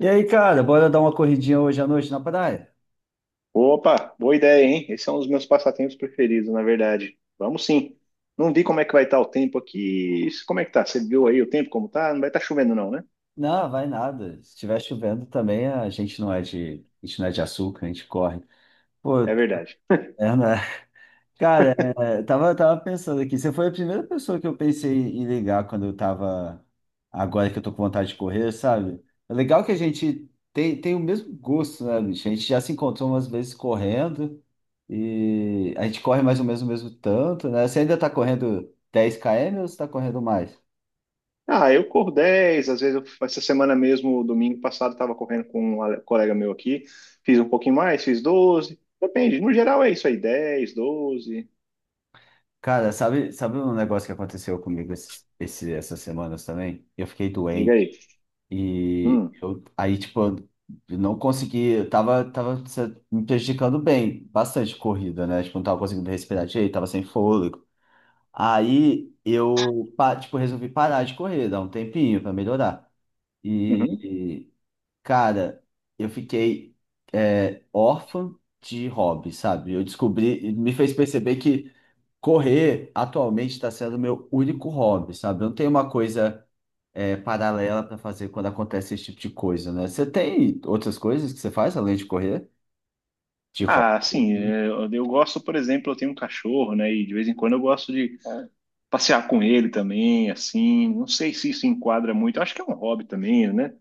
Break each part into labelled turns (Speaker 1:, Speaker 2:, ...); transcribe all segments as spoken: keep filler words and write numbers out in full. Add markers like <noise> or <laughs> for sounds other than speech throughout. Speaker 1: E aí, cara, bora dar uma corridinha hoje à noite na praia?
Speaker 2: Opa, boa ideia, hein? Esse é um dos meus passatempos preferidos, na verdade. Vamos sim. Não vi como é que vai estar o tempo aqui. Como é que tá? Você viu aí o tempo como tá? Não vai estar chovendo não, né?
Speaker 1: Não, vai nada. Se estiver chovendo também, a gente não é de, a gente não é de açúcar, a gente corre. Pô,
Speaker 2: É verdade.
Speaker 1: é, né? <laughs> Cara, é, tava, tava pensando aqui, você foi a primeira pessoa que eu pensei em ligar quando eu tava, agora que eu tô com vontade de correr, sabe? É legal que a gente tem, tem o mesmo gosto, né, bicho? A gente já se encontrou umas vezes correndo e a gente corre mais ou menos o mesmo tanto, né? Você ainda tá correndo dez quilômetros ou você tá correndo mais?
Speaker 2: Ah, eu corro dez. Às vezes eu- essa semana mesmo, domingo passado, estava correndo com um ale- colega meu aqui. Fiz um pouquinho mais, fiz doze. Depende, no geral é isso aí, dez, doze.
Speaker 1: Cara, sabe, sabe um negócio que aconteceu comigo esses, esse, essas semanas também? Eu fiquei
Speaker 2: Diga
Speaker 1: doente
Speaker 2: aí.
Speaker 1: e
Speaker 2: Hum.
Speaker 1: eu, aí, tipo, eu não consegui, eu tava, tava se- me prejudicando bem, bastante corrida, né? Tipo, não tava conseguindo respirar direito, tava sem fôlego. Aí eu, pa- tipo, Resolvi parar de correr, dar um tempinho pra melhorar.
Speaker 2: Uhum.
Speaker 1: E cara, eu fiquei é, órfã de hobby, sabe? Eu descobri, me fez perceber que correr atualmente está sendo meu único hobby, sabe? Eu não tenho uma coisa é, paralela para fazer quando acontece esse tipo de coisa, né? Você tem outras coisas que você faz além de correr? De hobby?
Speaker 2: Ah, sim,
Speaker 1: Assim?
Speaker 2: é, eu, eu gosto, por exemplo, eu tenho um cachorro, né? E de vez em quando eu gosto de passear com ele também, assim. Não sei se isso enquadra muito. Acho que é um hobby também, né?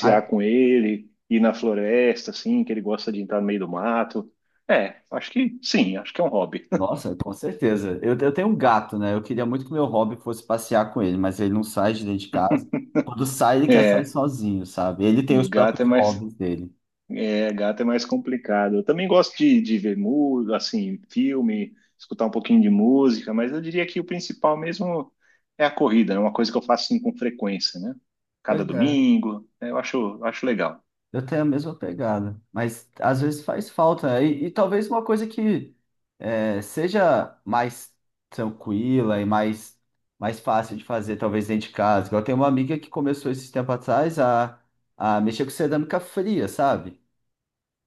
Speaker 1: Ah,
Speaker 2: com ele, ir na floresta, assim, que ele gosta de entrar no meio do mato. É, acho que sim, acho que é um hobby. <laughs>
Speaker 1: nossa, com certeza. Eu, eu tenho um gato, né? Eu queria muito que meu hobby fosse passear com ele, mas ele não sai de dentro de casa. Quando sai, ele quer sair
Speaker 2: É,
Speaker 1: sozinho, sabe? Ele tem os
Speaker 2: um gato é
Speaker 1: próprios
Speaker 2: mais,
Speaker 1: hobbies dele.
Speaker 2: é, gato é mais complicado. Eu também gosto de, de, ver música, assim, filme, escutar um pouquinho de música, mas eu diria que o principal mesmo é a corrida, é uma coisa que eu faço assim, com frequência, né? Cada
Speaker 1: Pois é,
Speaker 2: domingo, né? Eu acho, acho legal.
Speaker 1: eu tenho a mesma pegada, mas às vezes faz falta, né? E, e talvez uma coisa que é, seja mais tranquila e mais, mais fácil de fazer, talvez dentro de casa. Igual eu tenho uma amiga que começou esses tempo atrás a, a mexer com cerâmica fria, sabe?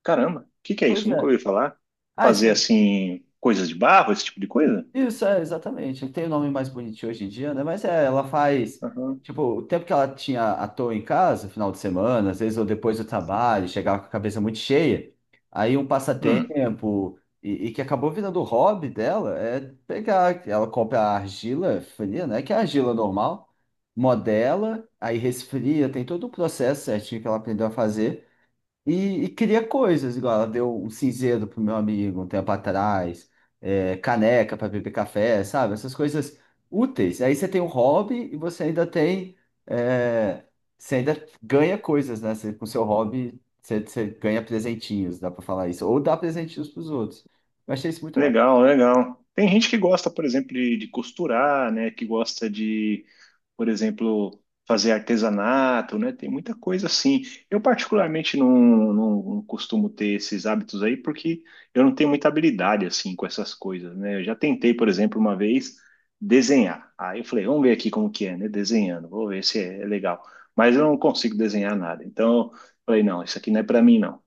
Speaker 2: Caramba, o que que é
Speaker 1: Pois
Speaker 2: isso? Nunca
Speaker 1: é.
Speaker 2: ouvi falar.
Speaker 1: Ah,
Speaker 2: Fazer assim, coisas de barro, esse tipo de coisa?
Speaker 1: isso, é, exatamente. Tem o nome mais bonitinho hoje em dia, né? Mas é, ela faz.
Speaker 2: Aham.
Speaker 1: Tipo, o tempo que ela tinha à toa em casa, final de semana, às vezes ou depois do trabalho, chegava com a cabeça muito cheia. Aí um
Speaker 2: Hum.
Speaker 1: passatempo, e, e que acabou virando o hobby dela, é pegar. Ela compra a argila fria, né? Que é a argila normal, modela, aí resfria, tem todo o processo certinho que ela aprendeu a fazer. E, e cria coisas, igual ela deu um cinzeiro pro meu amigo um tempo atrás, é, caneca para beber café, sabe? Essas coisas úteis. Aí você tem um hobby e você ainda tem. é, Você ainda ganha coisas, né? Você, com seu hobby, você, você ganha presentinhos, dá para falar isso. Ou dá presentinhos pros outros. Eu achei isso muito bacana.
Speaker 2: Legal, legal. Tem gente que gosta, por exemplo, de, de costurar, né? Que gosta de, por exemplo, fazer artesanato, né? Tem muita coisa assim. Eu particularmente não, não, não costumo ter esses hábitos aí porque eu não tenho muita habilidade assim com essas coisas, né? Eu já tentei, por exemplo, uma vez desenhar. Aí eu falei, vamos ver aqui como que é, né? Desenhando, vou ver se é legal. Mas eu não consigo desenhar nada. Então, eu falei, não, isso aqui não é para mim, não.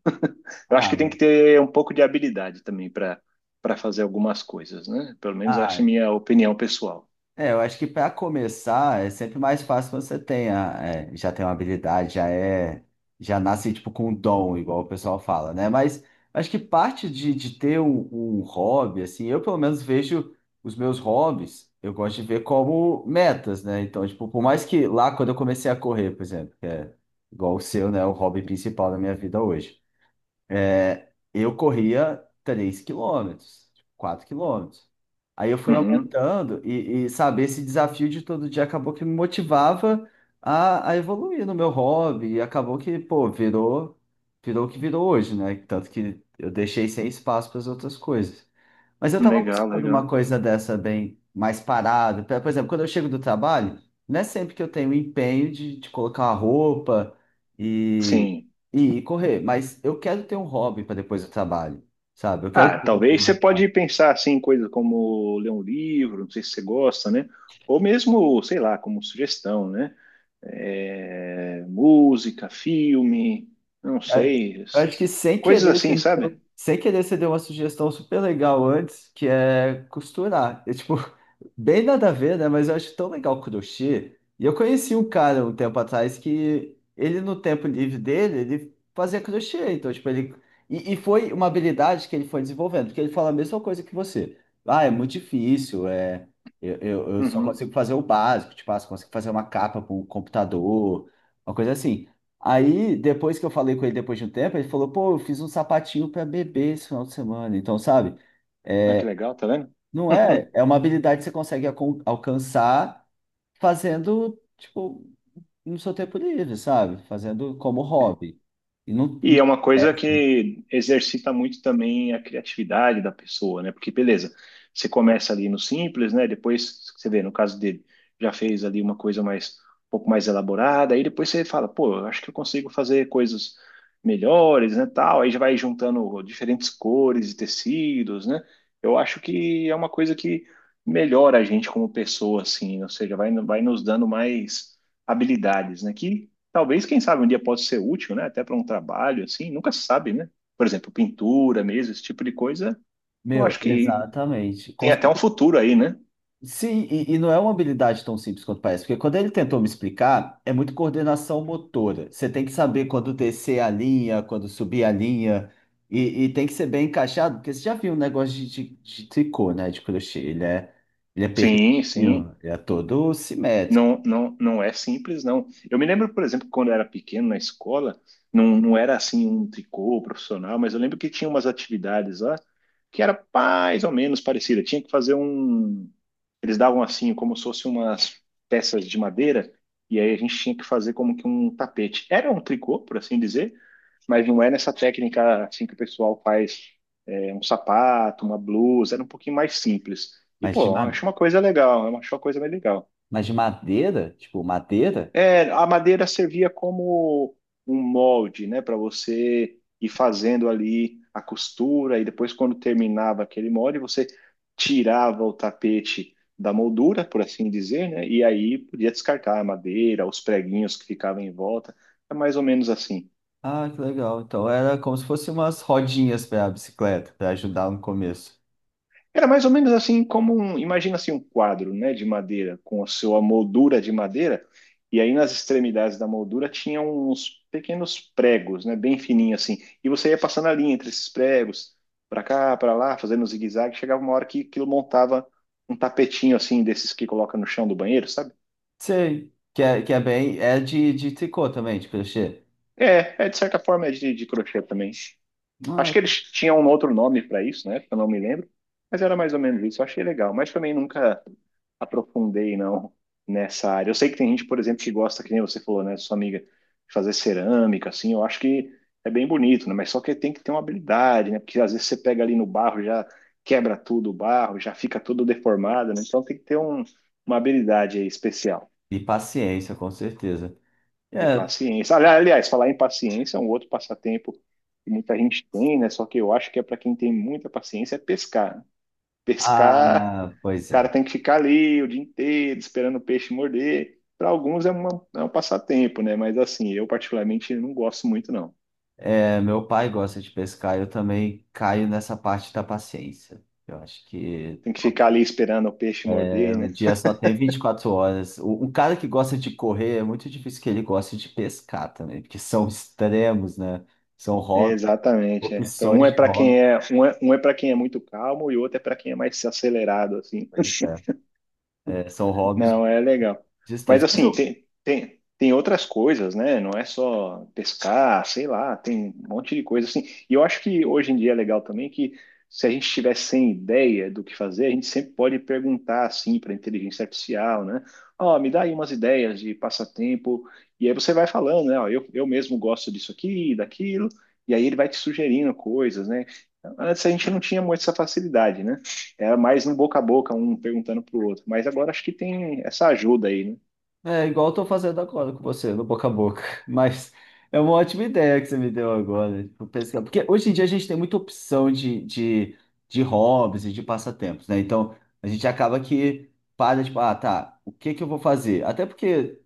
Speaker 2: Eu acho
Speaker 1: Ah,
Speaker 2: que tem que
Speaker 1: mano.
Speaker 2: ter um pouco de habilidade também para para fazer algumas coisas, né? Pelo menos essa é a minha opinião pessoal.
Speaker 1: É, eu acho que para começar é sempre mais fácil quando você tem a- é, já tem uma habilidade, já é, já nasce tipo com um dom, igual o pessoal fala, né? Mas acho que parte de, de ter um, um hobby, assim, eu pelo menos vejo os meus hobbies, eu gosto de ver como metas, né? Então, tipo, por mais que lá quando eu comecei a correr, por exemplo, que é igual o seu, né, o hobby principal da minha vida hoje. É, eu corria três quilômetros, quatro quilômetros. Aí eu fui
Speaker 2: Uhum.
Speaker 1: aumentando e, e sabe, esse desafio de todo dia acabou que me motivava a, a evoluir no meu hobby e acabou que, pô, virou, virou o que virou hoje, né? Tanto que eu deixei sem espaço para as outras coisas. Mas eu tava
Speaker 2: Legal,
Speaker 1: buscando uma
Speaker 2: legal.
Speaker 1: coisa dessa bem mais parada. Pra- Por exemplo, quando eu chego do trabalho, não é sempre que eu tenho empenho de, de colocar a roupa
Speaker 2: Sim.
Speaker 1: e correr, mas eu quero ter um hobby para depois do trabalho, sabe? Eu quero
Speaker 2: Ah,
Speaker 1: ter alguma coisa
Speaker 2: talvez você
Speaker 1: mais
Speaker 2: pode
Speaker 1: fácil.
Speaker 2: pensar assim em coisas como ler um livro, não sei se você gosta, né? Ou mesmo, sei lá, como sugestão, né? É, música, filme, não
Speaker 1: Cara,
Speaker 2: sei,
Speaker 1: eu acho que sem
Speaker 2: coisas
Speaker 1: querer você
Speaker 2: assim,
Speaker 1: me
Speaker 2: sabe?
Speaker 1: deu, sem querer você deu uma sugestão super legal antes, que é costurar. Eu, tipo, bem nada a ver, né? Mas eu acho tão legal o crochê. E eu conheci um cara um tempo atrás que ele, no tempo livre dele, ele fazia crochê. Então, tipo, ele. E, e foi uma habilidade que ele foi desenvolvendo, porque ele fala a mesma coisa que você. Ah, é muito difícil, é. Eu, eu, eu só
Speaker 2: Uhum.
Speaker 1: consigo fazer o básico, tipo, ah, só consigo fazer uma capa para um computador, uma coisa assim. Aí, depois que eu falei com ele depois de um tempo, ele falou, pô, eu fiz um sapatinho para bebê esse final de semana. Então, sabe?
Speaker 2: Ah, que legal, tá vendo?
Speaker 1: Não é?
Speaker 2: <laughs>
Speaker 1: É uma habilidade que você consegue acon- alcançar fazendo, tipo, no seu tempo livre, sabe? Fazendo como hobby. E não,
Speaker 2: E é uma coisa que exercita muito também a criatividade da pessoa, né? Porque, beleza, você começa ali no simples, né? Depois, você vê, no caso dele, já fez ali uma coisa mais, um pouco mais elaborada, aí depois você fala, pô, eu acho que eu consigo fazer coisas melhores, né? Tal, aí já vai juntando diferentes cores e tecidos, né? Eu acho que é uma coisa que melhora a gente como pessoa, assim, ou seja, vai, vai nos dando mais habilidades, né? Que Talvez, quem sabe, um dia possa ser útil, né? Até para um trabalho, assim, nunca se sabe, né? Por exemplo, pintura mesmo, esse tipo de coisa, eu
Speaker 1: meu,
Speaker 2: acho que
Speaker 1: exatamente. Com-
Speaker 2: tem até um
Speaker 1: certeza.
Speaker 2: futuro aí, né?
Speaker 1: Sim, e, e não é uma habilidade tão simples quanto parece, porque quando ele tentou me explicar, é muito coordenação motora. Você tem que saber quando descer a linha, quando subir a linha, e, e tem que ser bem encaixado, porque você já viu um negócio de, de, de tricô, né? De crochê. Ele é, ele é
Speaker 2: Sim, sim.
Speaker 1: perfeitinho, ele é todo simétrico.
Speaker 2: Não, não, não é simples, não. Eu me lembro, por exemplo, quando eu era pequeno na escola, não, não era assim um tricô profissional, mas eu lembro que tinha umas atividades lá que era mais ou menos parecida. Tinha que fazer um. Eles davam assim, como se fossem umas peças de madeira, e aí a gente tinha que fazer como que um tapete. Era um tricô, por assim dizer, mas não é nessa técnica assim que o pessoal faz é, um sapato, uma blusa, era um pouquinho mais simples. E,
Speaker 1: Mas
Speaker 2: pô,
Speaker 1: de
Speaker 2: eu
Speaker 1: madeira.
Speaker 2: acho uma coisa legal, eu acho uma coisa bem legal.
Speaker 1: Mas de madeira? Tipo, madeira?
Speaker 2: É, a madeira servia como um molde, né, para você ir fazendo ali a costura e depois quando terminava aquele molde, você tirava o tapete da moldura, por assim dizer, né, e aí podia descartar a madeira, os preguinhos que ficavam em volta. É mais ou menos assim.
Speaker 1: Ah, que legal. Então era como se fosse umas rodinhas para a bicicleta, para ajudar no começo.
Speaker 2: Era mais ou menos assim como um, imagina assim um quadro, né, de madeira com a sua moldura de madeira, e aí nas extremidades da moldura tinha uns pequenos pregos, né, bem fininho assim, e você ia passando a linha entre esses pregos, para cá, para lá, fazendo um zigue-zague, chegava uma hora que aquilo montava um tapetinho assim desses que coloca no chão do banheiro, sabe?
Speaker 1: Sei. Que é, que é bem. É de, de tricô também, de crochê.
Speaker 2: É, é de certa forma é de, de, crochê também. Acho
Speaker 1: Ah,
Speaker 2: que eles tinham um outro nome para isso, né? Eu não me lembro, mas era mais ou menos isso. Eu achei legal, mas também nunca aprofundei não nessa área. Eu sei que tem gente, por exemplo, que gosta, que nem você falou, né, sua amiga, de fazer cerâmica, assim. Eu acho que é bem bonito, né? Mas só que tem que ter uma habilidade, né? Porque às vezes você pega ali no barro, já quebra tudo o barro, já fica tudo deformado, né? Então tem que ter um- uma habilidade aí especial.
Speaker 1: e paciência, com certeza.
Speaker 2: E
Speaker 1: É.
Speaker 2: paciência. Ali- Aliás, falar em paciência é um outro passatempo que muita gente tem, né? Só que eu acho que é para quem tem muita paciência é pescar, né? Pescar,
Speaker 1: Ah,
Speaker 2: o
Speaker 1: pois
Speaker 2: cara
Speaker 1: é.
Speaker 2: tem que ficar ali o dia inteiro esperando o peixe morder. Para alguns é, uma, é um passatempo, né? Mas assim, eu particularmente não gosto muito, não.
Speaker 1: É, meu pai gosta de pescar, eu também caio nessa parte da paciência. Eu acho que.
Speaker 2: Tem que ficar ali esperando o peixe morder,
Speaker 1: O
Speaker 2: né?
Speaker 1: dia só tem vinte e quatro horas. O, um cara que gosta de correr, é muito difícil que ele goste de pescar também, porque são extremos, né? São
Speaker 2: É,
Speaker 1: hobbies,
Speaker 2: exatamente. É. Pra- Um
Speaker 1: opções
Speaker 2: é
Speaker 1: de
Speaker 2: para quem
Speaker 1: hobby.
Speaker 2: é um é, um é para quem é muito calmo e o outro é para quem é mais acelerado, assim.
Speaker 1: Pois é. É, são hobbies
Speaker 2: Não, é legal. Mas
Speaker 1: distantes. Mas
Speaker 2: assim,
Speaker 1: eu,
Speaker 2: tem, tem, tem outras coisas, né? Não é só pescar, sei lá, tem um monte de coisa assim. E eu acho que hoje em dia é legal também que se a gente tiver sem ideia do que fazer, a gente sempre pode perguntar assim para a inteligência artificial, né? Ó, me dá aí umas ideias de passatempo. E aí você vai falando, né? Ó, eu, eu mesmo gosto disso aqui, daquilo. E aí ele vai te sugerindo coisas, né? Antes a gente não tinha muito essa facilidade, né? Era mais um boca a boca, um perguntando pro outro. Mas agora acho que tem essa ajuda aí, né?
Speaker 1: é igual eu tô fazendo agora com você, no boca a boca. <laughs> Mas é uma ótima ideia que você me deu agora. Tipo, pesquisar. Porque hoje em dia a gente tem muita opção de, de, de hobbies e de passatempos, né? Então a gente acaba que para, tipo, ah, tá, o que que eu vou fazer? Até porque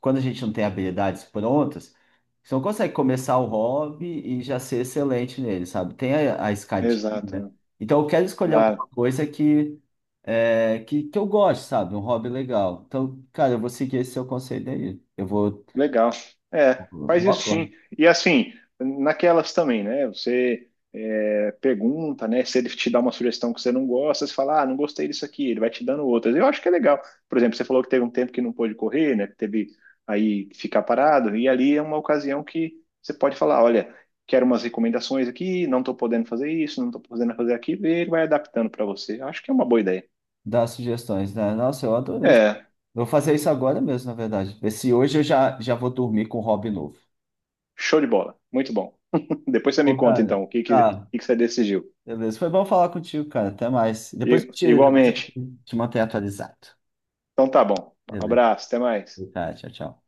Speaker 1: quando a gente não tem habilidades prontas, você não consegue começar o hobby e já ser excelente nele, sabe? Tem a, a escadinha.
Speaker 2: Exato.
Speaker 1: Então eu quero escolher
Speaker 2: Lá
Speaker 1: alguma coisa que é, que, que eu gosto, sabe? Um hobby legal. Então, cara, eu vou seguir esse seu conselho aí. Eu vou,
Speaker 2: Legal. É, faz
Speaker 1: vou
Speaker 2: isso
Speaker 1: agora
Speaker 2: sim. E assim, naquelas também, né? Você é, pergunta, né? Se ele te dá uma sugestão que você não gosta, você fala, ah, não gostei disso aqui, ele vai te dando outras. Eu acho que é legal. Por exemplo, você falou que teve um tempo que não pôde correr, né? Que teve aí que ficar parado, e ali é uma ocasião que você pode falar, olha, quero umas recomendações aqui, não tô podendo fazer isso, não tô podendo fazer aquilo, e ele vai adaptando para você. Eu acho que é uma boa ideia.
Speaker 1: dar sugestões, né? Nossa, eu adorei isso.
Speaker 2: É,
Speaker 1: Vou fazer isso agora mesmo, na verdade. Ver se hoje eu já, já vou dormir com um hobby novo.
Speaker 2: show de bola. Muito bom. <laughs> Depois você me
Speaker 1: Ô,
Speaker 2: conta,
Speaker 1: cara,
Speaker 2: então, o que, que, o
Speaker 1: tá.
Speaker 2: que que você decidiu.
Speaker 1: Beleza. Foi bom falar contigo, cara. Até mais. Depois
Speaker 2: I-
Speaker 1: eu te, depois eu te
Speaker 2: Igualmente.
Speaker 1: te mantenho atualizado.
Speaker 2: Então tá bom. Um
Speaker 1: Beleza.
Speaker 2: abraço, até mais.
Speaker 1: Tá, tchau, tchau.